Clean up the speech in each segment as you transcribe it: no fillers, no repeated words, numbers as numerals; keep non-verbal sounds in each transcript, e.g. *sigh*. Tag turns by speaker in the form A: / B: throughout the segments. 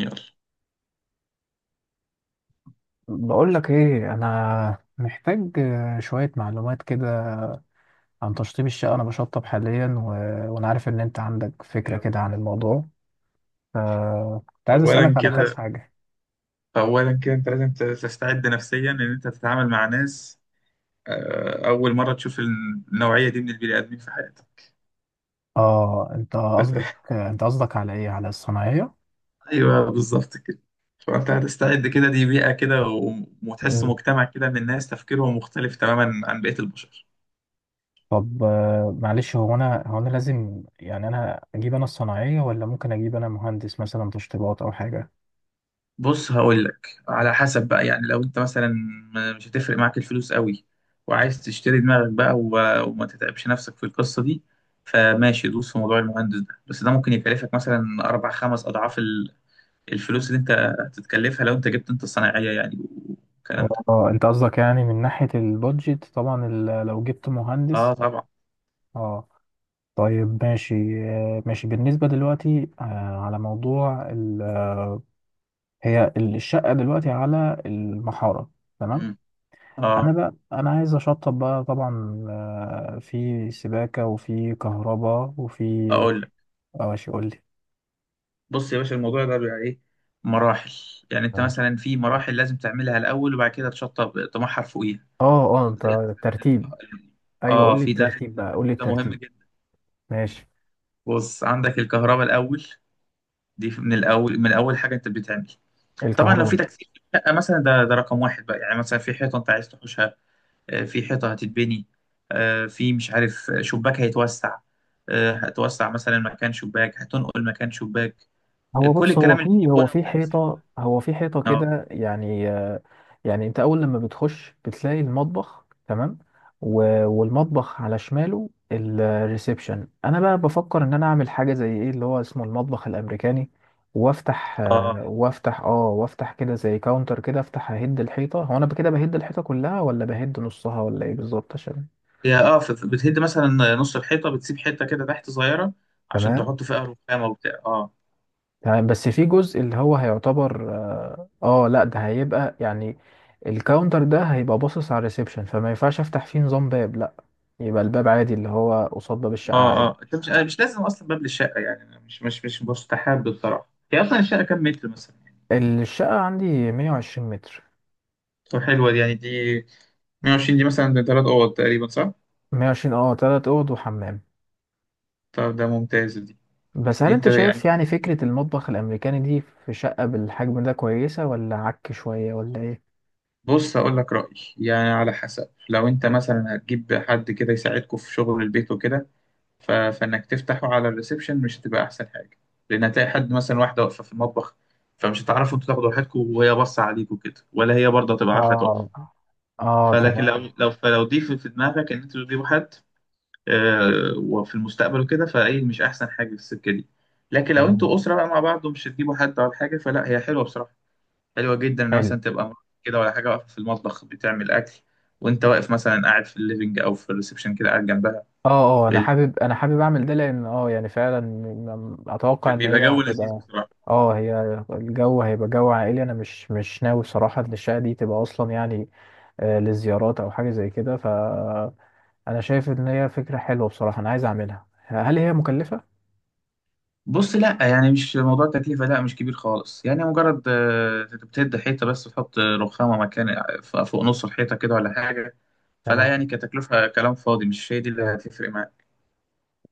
A: يلا
B: بقول لك ايه، انا محتاج شوية معلومات كده عن تشطيب الشقة. انا بشطب حاليا وانا عارف ان انت عندك فكرة
A: يلا.
B: كده عن الموضوع، فكنت عايز
A: اولا
B: اسألك على كام
A: كده
B: حاجة.
A: اولا كده، انت لازم تستعد نفسيا ان انت تتعامل مع ناس، اول مره تشوف النوعيه دي من البني ادمين في حياتك.
B: اه،
A: *laughs*
B: انت قصدك على ايه، على الصناعية؟
A: ايوه بالظبط كده. فانت هتستعد كده، دي بيئه كده وتحس
B: مم.
A: مجتمع كده من الناس تفكيرهم مختلف تماما عن بقيه البشر.
B: طب معلش، هو انا لازم يعني، انا اجيب انا الصناعية، ولا ممكن اجيب انا مهندس مثلا تشطيبات او حاجة؟
A: بص هقول لك على حسب بقى. يعني لو انت مثلا مش هتفرق معاك الفلوس قوي وعايز تشتري دماغك بقى وما تتعبش نفسك في القصة دي، فماشي، دوس في موضوع المهندس ده. بس ده ممكن يكلفك مثلا 4-5 أضعاف الفلوس اللي أنت هتتكلفها لو أنت جبت أنت الصناعية يعني، والكلام ده.
B: اه، انت قصدك يعني من ناحية البادجت طبعا، لو جبت مهندس.
A: أه طبعا.
B: اه. طيب ماشي. ماشي بالنسبة دلوقتي، على موضوع هي الشقة دلوقتي على المحارة. تمام.
A: مم.
B: أنا
A: أه
B: بقى، أنا عايز أشطب بقى طبعا، في سباكة وفي كهرباء وفي...
A: أقول لك.
B: اه، ماشي، قول لي.
A: بص يا باشا، الموضوع ده بيبقى إيه، مراحل. يعني أنت
B: اه،
A: مثلا في مراحل لازم تعملها الأول، وبعد كده تشطب طموحها فوقيها.
B: اه، انت
A: زي مثلا
B: الترتيب.
A: الك-
B: ايوه،
A: اه
B: قول لي
A: في ده في
B: الترتيب بقى، قول لي
A: التركيب ده مهم
B: الترتيب.
A: جدا.
B: ماشي.
A: بص، عندك الكهرباء الاول، دي من الاول، من اول حاجه انت بتعمل. طبعا لو
B: الكهرباء.
A: في تكثيف في الشقه مثلا، ده ده رقم واحد بقى. يعني مثلا في حيطه انت عايز تحوشها، في حيطه هتتبني، في مش عارف شباك هيتوسع، هتوسع مثلا مكان شباك، هتنقل مكان شباك،
B: هو
A: كل
B: بص،
A: الكلام اللي فيه
B: هو
A: بنى
B: في
A: وتكثيف.
B: حيطة،
A: اه.
B: كده يعني، يعني انت اول لما بتخش بتلاقي المطبخ. تمام. والمطبخ على شماله الريسبشن. انا بقى بفكر ان انا اعمل حاجة زي ايه، اللي هو اسمه المطبخ الامريكاني، وافتح
A: اه
B: وافتح كده زي كاونتر كده، افتح اهد الحيطة. هو انا كده بهد الحيطة كلها، ولا بهد نصها، ولا ايه بالظبط؟ عشان...
A: هي اه، بتهد مثلا نص الحيطه، بتسيب حته كده تحت صغيره عشان
B: تمام.
A: تحط فيها رخامه وبتاع، اه.
B: تمام، بس في جزء اللي هو هيعتبر لا ده هيبقى يعني، الكاونتر ده هيبقى باصص على الريسبشن، فما ينفعش افتح فيه نظام باب، لا. يبقى الباب عادي، اللي هو قصاد باب الشقة،
A: اه
B: عادي.
A: اه، انت مش، أنا مش لازم اصلا باب للشقه يعني. أنا مش مستحب بصراحه. هي اصلا الشقه كام متر مثلا؟
B: الشقة عندي 120 متر.
A: طب حلوه دي يعني، 120 دي مثلا، ده 3 اوض تقريبا، صح؟
B: 120، اه، تلات اوض وحمام.
A: طب ده ممتاز دي.
B: بس هل
A: دي انت
B: انت شايف
A: يعني،
B: يعني فكرة المطبخ الامريكاني دي في شقة بالحجم ده كويسة، ولا عك شوية، ولا ايه؟
A: بص اقول لك رايي يعني، على حسب. لو انت مثلا هتجيب حد كده يساعدكم في شغل البيت وكده، فانك تفتحه على الريسبشن مش هتبقى احسن حاجه، لان هتلاقي حد مثلا واحده واقفه في المطبخ، فمش هتعرفوا انتوا تاخدوا راحتكم وهي باصه عليكم كده، ولا هي برضه هتبقى عارفه تقف.
B: اه. اه،
A: فلكن
B: تمام.
A: لو، لو دي في في دماغك ان انتوا تجيبوا حد، وفي المستقبل وكده، فايه مش احسن حاجه في السكه دي. لكن لو
B: تمام.
A: انتوا اسره بقى مع بعض، ومش هتجيبوا حد ولا حاجه، فلا هي حلوه بصراحه. حلوه جدا ان
B: حلو.
A: مثلا تبقى مراتك كده ولا حاجه واقفه في المطبخ بتعمل اكل، وانت واقف مثلا قاعد في الليفنج او في الريسبشن كده قاعد جنبها.
B: اه، اه، انا حابب اعمل ده، لان يعني فعلا اتوقع ان
A: بيبقى
B: هي
A: جو لذيذ
B: هتبقى...
A: بصراحه.
B: اه، هي الجو هيبقى جو عائلي. انا مش ناوي صراحة ان الشقة دي تبقى اصلا يعني للزيارات او حاجة زي كده، ف... انا شايف ان هي فكرة حلوة بصراحة، انا عايز اعملها. هل هي مكلفة؟
A: بص لا، يعني مش موضوع تكلفه، لا مش كبير خالص. يعني مجرد بتهد حيطه، بس تحط رخامه مكان، فوق نص الحيطه كده ولا حاجه. فلا
B: تمام.
A: يعني، كتكلفة كلام فاضي، مش هي دي اللي هتفرق معاك.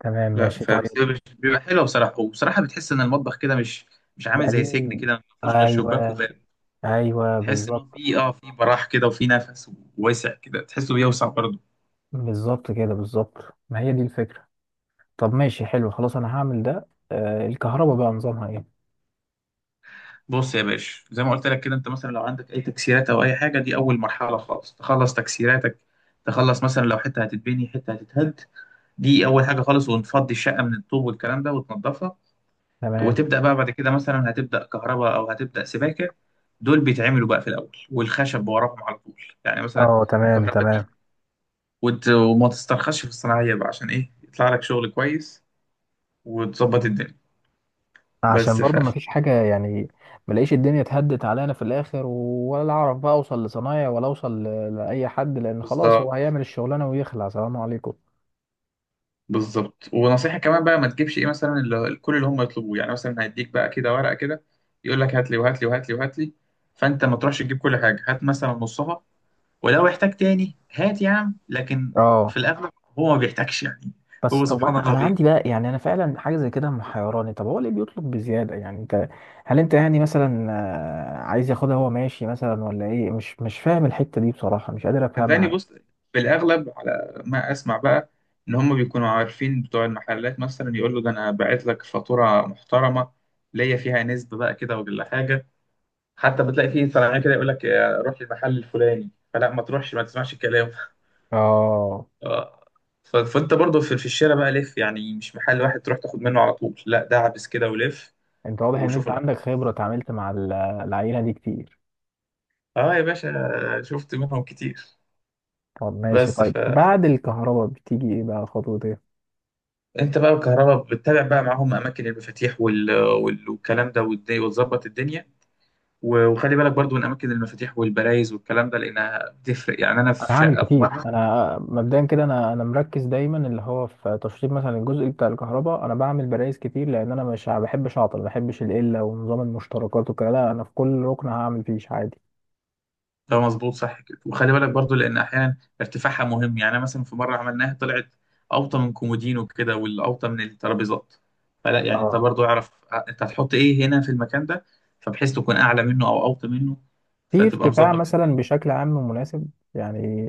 B: تمام
A: لا،
B: ماشي.
A: فبس هي
B: طيب.
A: بيبقى حلوة بصراحة، وبصراحة بتحس إن المطبخ كده مش عامل زي سجن
B: بقالي.
A: كده ما فيهوش غير شباك
B: ايوه.
A: وباب.
B: ايوه،
A: تحس إن هو
B: بالظبط.
A: في اه، في براح كده وفي نفس، وواسع كده، تحسه بيوسع برضه.
B: بالظبط كده، بالظبط، ما هي دي الفكرة. طب ماشي، حلو، خلاص انا هعمل ده. الكهرباء بقى نظامها ايه؟
A: بص يا باشا، زي ما قلت لك كده، أنت مثلا لو عندك أي تكسيرات أو أي حاجة، دي أول مرحلة خالص، تخلص تكسيراتك. تخلص مثلا لو حتة هتتبني، حتة هتتهد، دي أول حاجة خالص. ونفضي الشقة من الطوب والكلام ده وتنضفها،
B: تمام.
A: وتبدأ بقى بعد كده. مثلا هتبدأ كهرباء أو هتبدأ سباكة، دول بيتعملوا بقى في الأول، والخشب وراهم على طول يعني. مثلا
B: اه، تمام.
A: الكهرباء دي،
B: تمام.
A: وما تسترخصش في الصناعية بقى عشان إيه يطلع لك شغل كويس وتظبط الدنيا.
B: عشان
A: بس ف،
B: برضو ما فيش حاجة يعني، ملاقيش الدنيا اتهدت علينا في الآخر، ولا أعرف بقى أوصل لصنايع ولا أوصل لأي حد، لأن خلاص
A: بالظبط.
B: هو هيعمل الشغلانة ويخلع، سلام عليكم.
A: بالظبط. ونصيحة كمان بقى، ما تجيبش إيه مثلا، اللي كل اللي هم يطلبوه. يعني مثلا هيديك بقى كده ورقة كده، يقول لك هات لي وهات لي وهات لي وهات لي، فأنت ما تروحش تجيب كل حاجة، هات مثلا نصها. ولو احتاج تاني هات يا عم، لكن في
B: اه.
A: الاغلب هو ما بيحتاجش يعني.
B: بس
A: هو
B: طب،
A: سبحان
B: أنا
A: الله
B: أنا
A: بي،
B: عندي بقى يعني، أنا فعلا حاجة زي كده محيراني. طب هو ليه بيطلب بزيادة؟ يعني أنت، هل أنت يعني مثلا عايز ياخدها هو ماشي مثلا، ولا إيه؟ مش فاهم الحتة دي بصراحة، مش قادر
A: صدقني،
B: أفهمها.
A: بص في الاغلب على ما اسمع بقى، ان هم بيكونوا عارفين بتوع المحلات. مثلا يقول له ده انا باعت لك فاتوره محترمه، ليا فيها نسبه بقى كده ولا حاجه. حتى بتلاقي فيه صناعيه كده يقول لك روح للمحل الفلاني، فلا ما تروحش، ما تسمعش الكلام. *laughs*
B: اه.
A: آه. فانت برضو في في الشارع بقى لف، يعني مش محل واحد تروح تاخد منه على طول، لا ده عبس كده ولف
B: أنت واضح إن
A: وشوف.
B: أنت عندك خبرة، اتعاملت مع العيلة دي كتير.
A: اه يا باشا، شفت منهم كتير.
B: طب ماشي.
A: بس
B: طيب
A: فانت
B: بعد الكهرباء بتيجي ايه بقى؟ خطوة ايه؟
A: بقى، الكهرباء بتتابع بقى معاهم اماكن المفاتيح والكلام ده، وتظبط الدنيا. وخلي بالك برضو من اماكن المفاتيح والبرايز والكلام ده، لانها بتفرق. يعني انا
B: انا
A: في
B: هعمل
A: شقه في
B: كتير.
A: مره،
B: انا مبدئيا كده، انا مركز دايما اللي هو في تشطيب مثلا الجزء بتاع الكهرباء، انا بعمل برايز كتير، لان انا مش ما بحبش اعطل، ما بحبش القله ونظام المشتركات وكده. لا، انا في كل ركن هعمل فيش عادي.
A: ده مظبوط صح كده. وخلي بالك برضو، لان احيانا ارتفاعها مهم. يعني أنا مثلا في مره عملناها طلعت اوطى من كومودين وكده، والاوطى من الترابيزات. فلا يعني انت
B: اه.
A: برضو اعرف انت هتحط ايه هنا في المكان ده، فبحيث تكون اعلى منه او اوطى منه،
B: في
A: فتبقى
B: ارتفاع
A: مظبط.
B: مثلا بشكل عام مناسب يعني،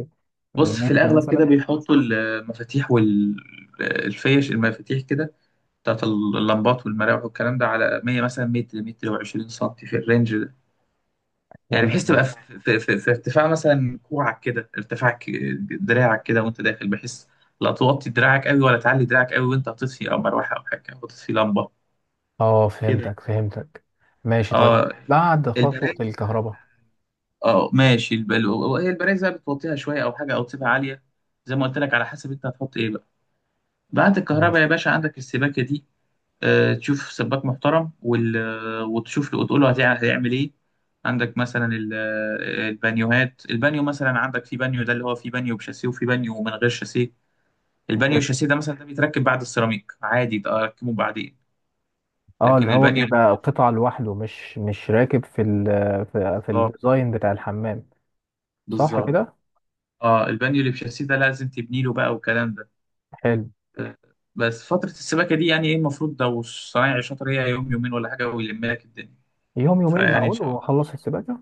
A: بص في
B: بمتر
A: الأغلب كده
B: مثلا؟
A: بيحطوا المفاتيح والفيش، المفاتيح كده بتاعت اللمبات والمراوح والكلام ده، على 100 مثلا متر، متر و20 سم، في الرينج ده. يعني
B: حلو
A: بحيث تبقى
B: ماشي.
A: في ارتفاع مثلا كوعك كده، ارتفاع دراعك كده وانت داخل، بحيث لا توطي دراعك قوي ولا تعلي دراعك قوي، وانت هتطفي او مروحه او حاجه او تطفي لمبه
B: اه،
A: كده.
B: فهمتك، فهمتك. ماشي. طيب
A: اه
B: بعد خطوة
A: البرايز،
B: الكهرباء؟
A: اه ماشي هي البرايز بقى بتوطيها شويه او حاجه، او تسيبها عاليه زي ما قلت لك، على حسب انت هتحط ايه. بعد الكهرباء
B: ماشي.
A: يا باشا عندك السباكة دي. تشوف سباك محترم وال... آه، وتشوف له وتقول له هيعمل ايه. عندك مثلا البانيوهات. البانيو مثلا، عندك في بانيو ده اللي هو، في بانيو بشاسيه وفي بانيو من غير شاسيه. البانيو الشاسيه ده مثلا، ده بيتركب بعد السيراميك عادي، ده اركبه بعدين.
B: اه، اللي
A: لكن
B: هو
A: البانيو
B: بيبقى قطعة لوحده، مش راكب في ال... في
A: بالظبط،
B: الديزاين بتاع الحمام. صح
A: بالظبط،
B: كده.
A: اه البانيو اللي بشاسيه ده لازم تبني له بقى والكلام ده.
B: حلو.
A: آه، بس فترة السباكة دي يعني، ايه المفروض لو الصنايعي شاطر، هي يوم يومين ولا حاجة ويلم لك الدنيا.
B: يوم يومين
A: فيعني ان
B: معقول
A: شاء الله،
B: واخلص السباكة؟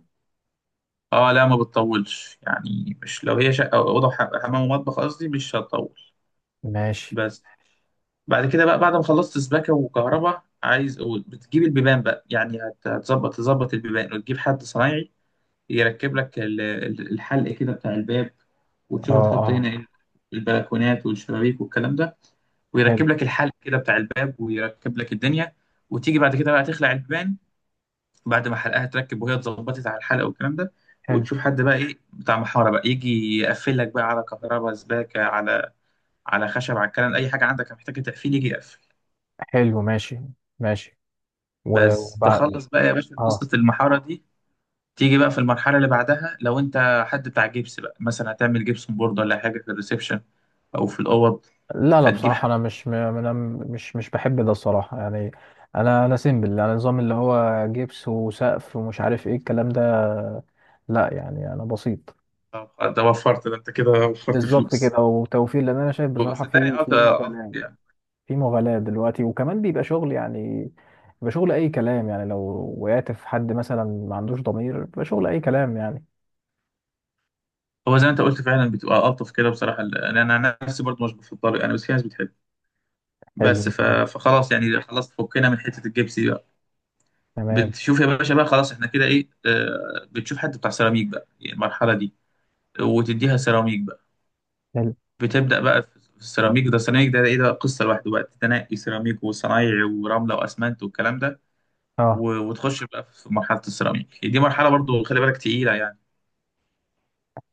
A: اه لا ما بتطولش يعني، مش لو هي شقه أو اوضه حمام ومطبخ قصدي، مش هتطول.
B: ماشي.
A: بس بعد كده بقى، بعد ما خلصت سباكه وكهرباء، عايز بتجيب البيبان بقى، يعني هتظبط تظبط البيبان، وتجيب حد صنايعي يركب لك الحلق كده بتاع الباب،
B: اه،
A: وتشوف هتحط
B: اه،
A: هنا ايه. البلكونات والشبابيك والكلام ده،
B: حلو.
A: ويركب لك الحلق كده بتاع الباب، ويركب لك الدنيا. وتيجي بعد كده بقى تخلع البيبان، بعد ما حلقها تركب وهي اتظبطت على الحلقه والكلام ده.
B: حلو.
A: وتشوف حد بقى ايه بتاع محاره بقى، يجي يقفل لك بقى على كهرباء، سباكه، على خشب، على الكلام. اي حاجه عندك محتاجه تقفيل يجي يقفل.
B: حلو ماشي. ماشي. و-
A: بس
B: وبع...
A: تخلص بقى يا باشا
B: اه،
A: قصه المحاره دي، تيجي بقى في المرحله اللي بعدها. لو انت حد بتاع جبس بقى مثلا، هتعمل جبسون بورد ولا حاجه في الريسبشن او في الاوض،
B: لا، لا،
A: فتجيب
B: بصراحة
A: حد.
B: انا مش، انا مش بحب ده الصراحة يعني. انا سيمبل، انا نظام اللي هو جبس وسقف ومش عارف ايه الكلام ده. لا يعني، انا بسيط.
A: طب ده وفرت، ده انت كده وفرت
B: بالظبط كده،
A: فلوس.
B: وتوفير، لان انا شايف بصراحة
A: صدقني
B: في
A: اه ده ألطف
B: مبالغة،
A: يعني.
B: في مغالاة دلوقتي. وكمان بيبقى شغل يعني، بيبقى شغل أي كلام يعني. لو وقعت في حد مثلا ما عندوش ضمير، بيبقى شغل أي كلام يعني.
A: هو زي ما انت قلت فعلا، بتبقى الطف كده بصراحه، لان انا نفسي برضو مش بفضل يعني، بس في ناس بتحب. بس
B: حلو تمام.
A: فخلاص يعني، خلاص فكنا من حته الجبس دي بقى.
B: تمام.
A: بتشوف يا باشا بقى، خلاص احنا كده ايه، بتشوف حد بتاع سيراميك بقى يعني، المرحله دي، وتديها سيراميك بقى.
B: حلو.
A: بتبدا بقى في السيراميك. ده السيراميك ده ايه، ده قصه لوحده بقى، تنقي سيراميك وصنايعي ورمله واسمنت والكلام ده.
B: اه.
A: وتخش بقى في مرحله السيراميك. يعني دي مرحله برضو خلي بالك تقيله يعني.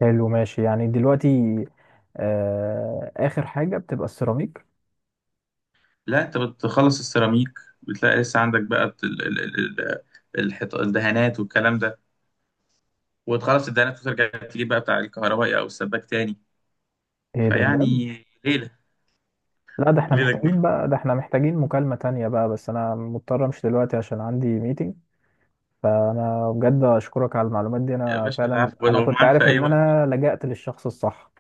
B: حلو ماشي يعني. دلوقتي آخر حاجة بتبقى السيراميك؟
A: لا انت بتخلص السيراميك، بتلاقي لسه عندك بقى الدهانات والكلام ده، وتخلص الدهانات وترجع تجيب بقى بتاع الكهربائي او السباك تاني.
B: ايه ده بجد؟
A: فيعني، ليلة،
B: لا،
A: ليلة كبيرة.
B: ده احنا محتاجين مكالمة تانية بقى. بس أنا مضطر أمشي دلوقتي عشان عندي ميتنج. فأنا بجد أشكرك على المعلومات دي.
A: يا
B: أنا
A: باشا
B: فعلا،
A: العفو،
B: أنا كنت
A: ومعاك في
B: عارف
A: أي
B: إن
A: وقت.
B: أنا لجأت للشخص الصح.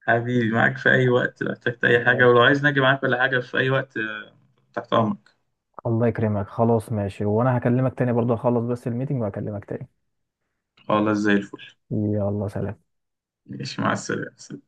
A: حبيبي معاك في أي وقت، لو احتجت أي حاجة،
B: ماشي.
A: ولو عايز نجي معاك ولا حاجة في أي وقت تحت أمرك.
B: الله يكرمك. خلاص ماشي، وانا هكلمك تاني برضه، اخلص بس الميتنج وهكلمك تاني.
A: خلاص زي الفل.
B: يلا، سلام.
A: ماشي مع السلامة.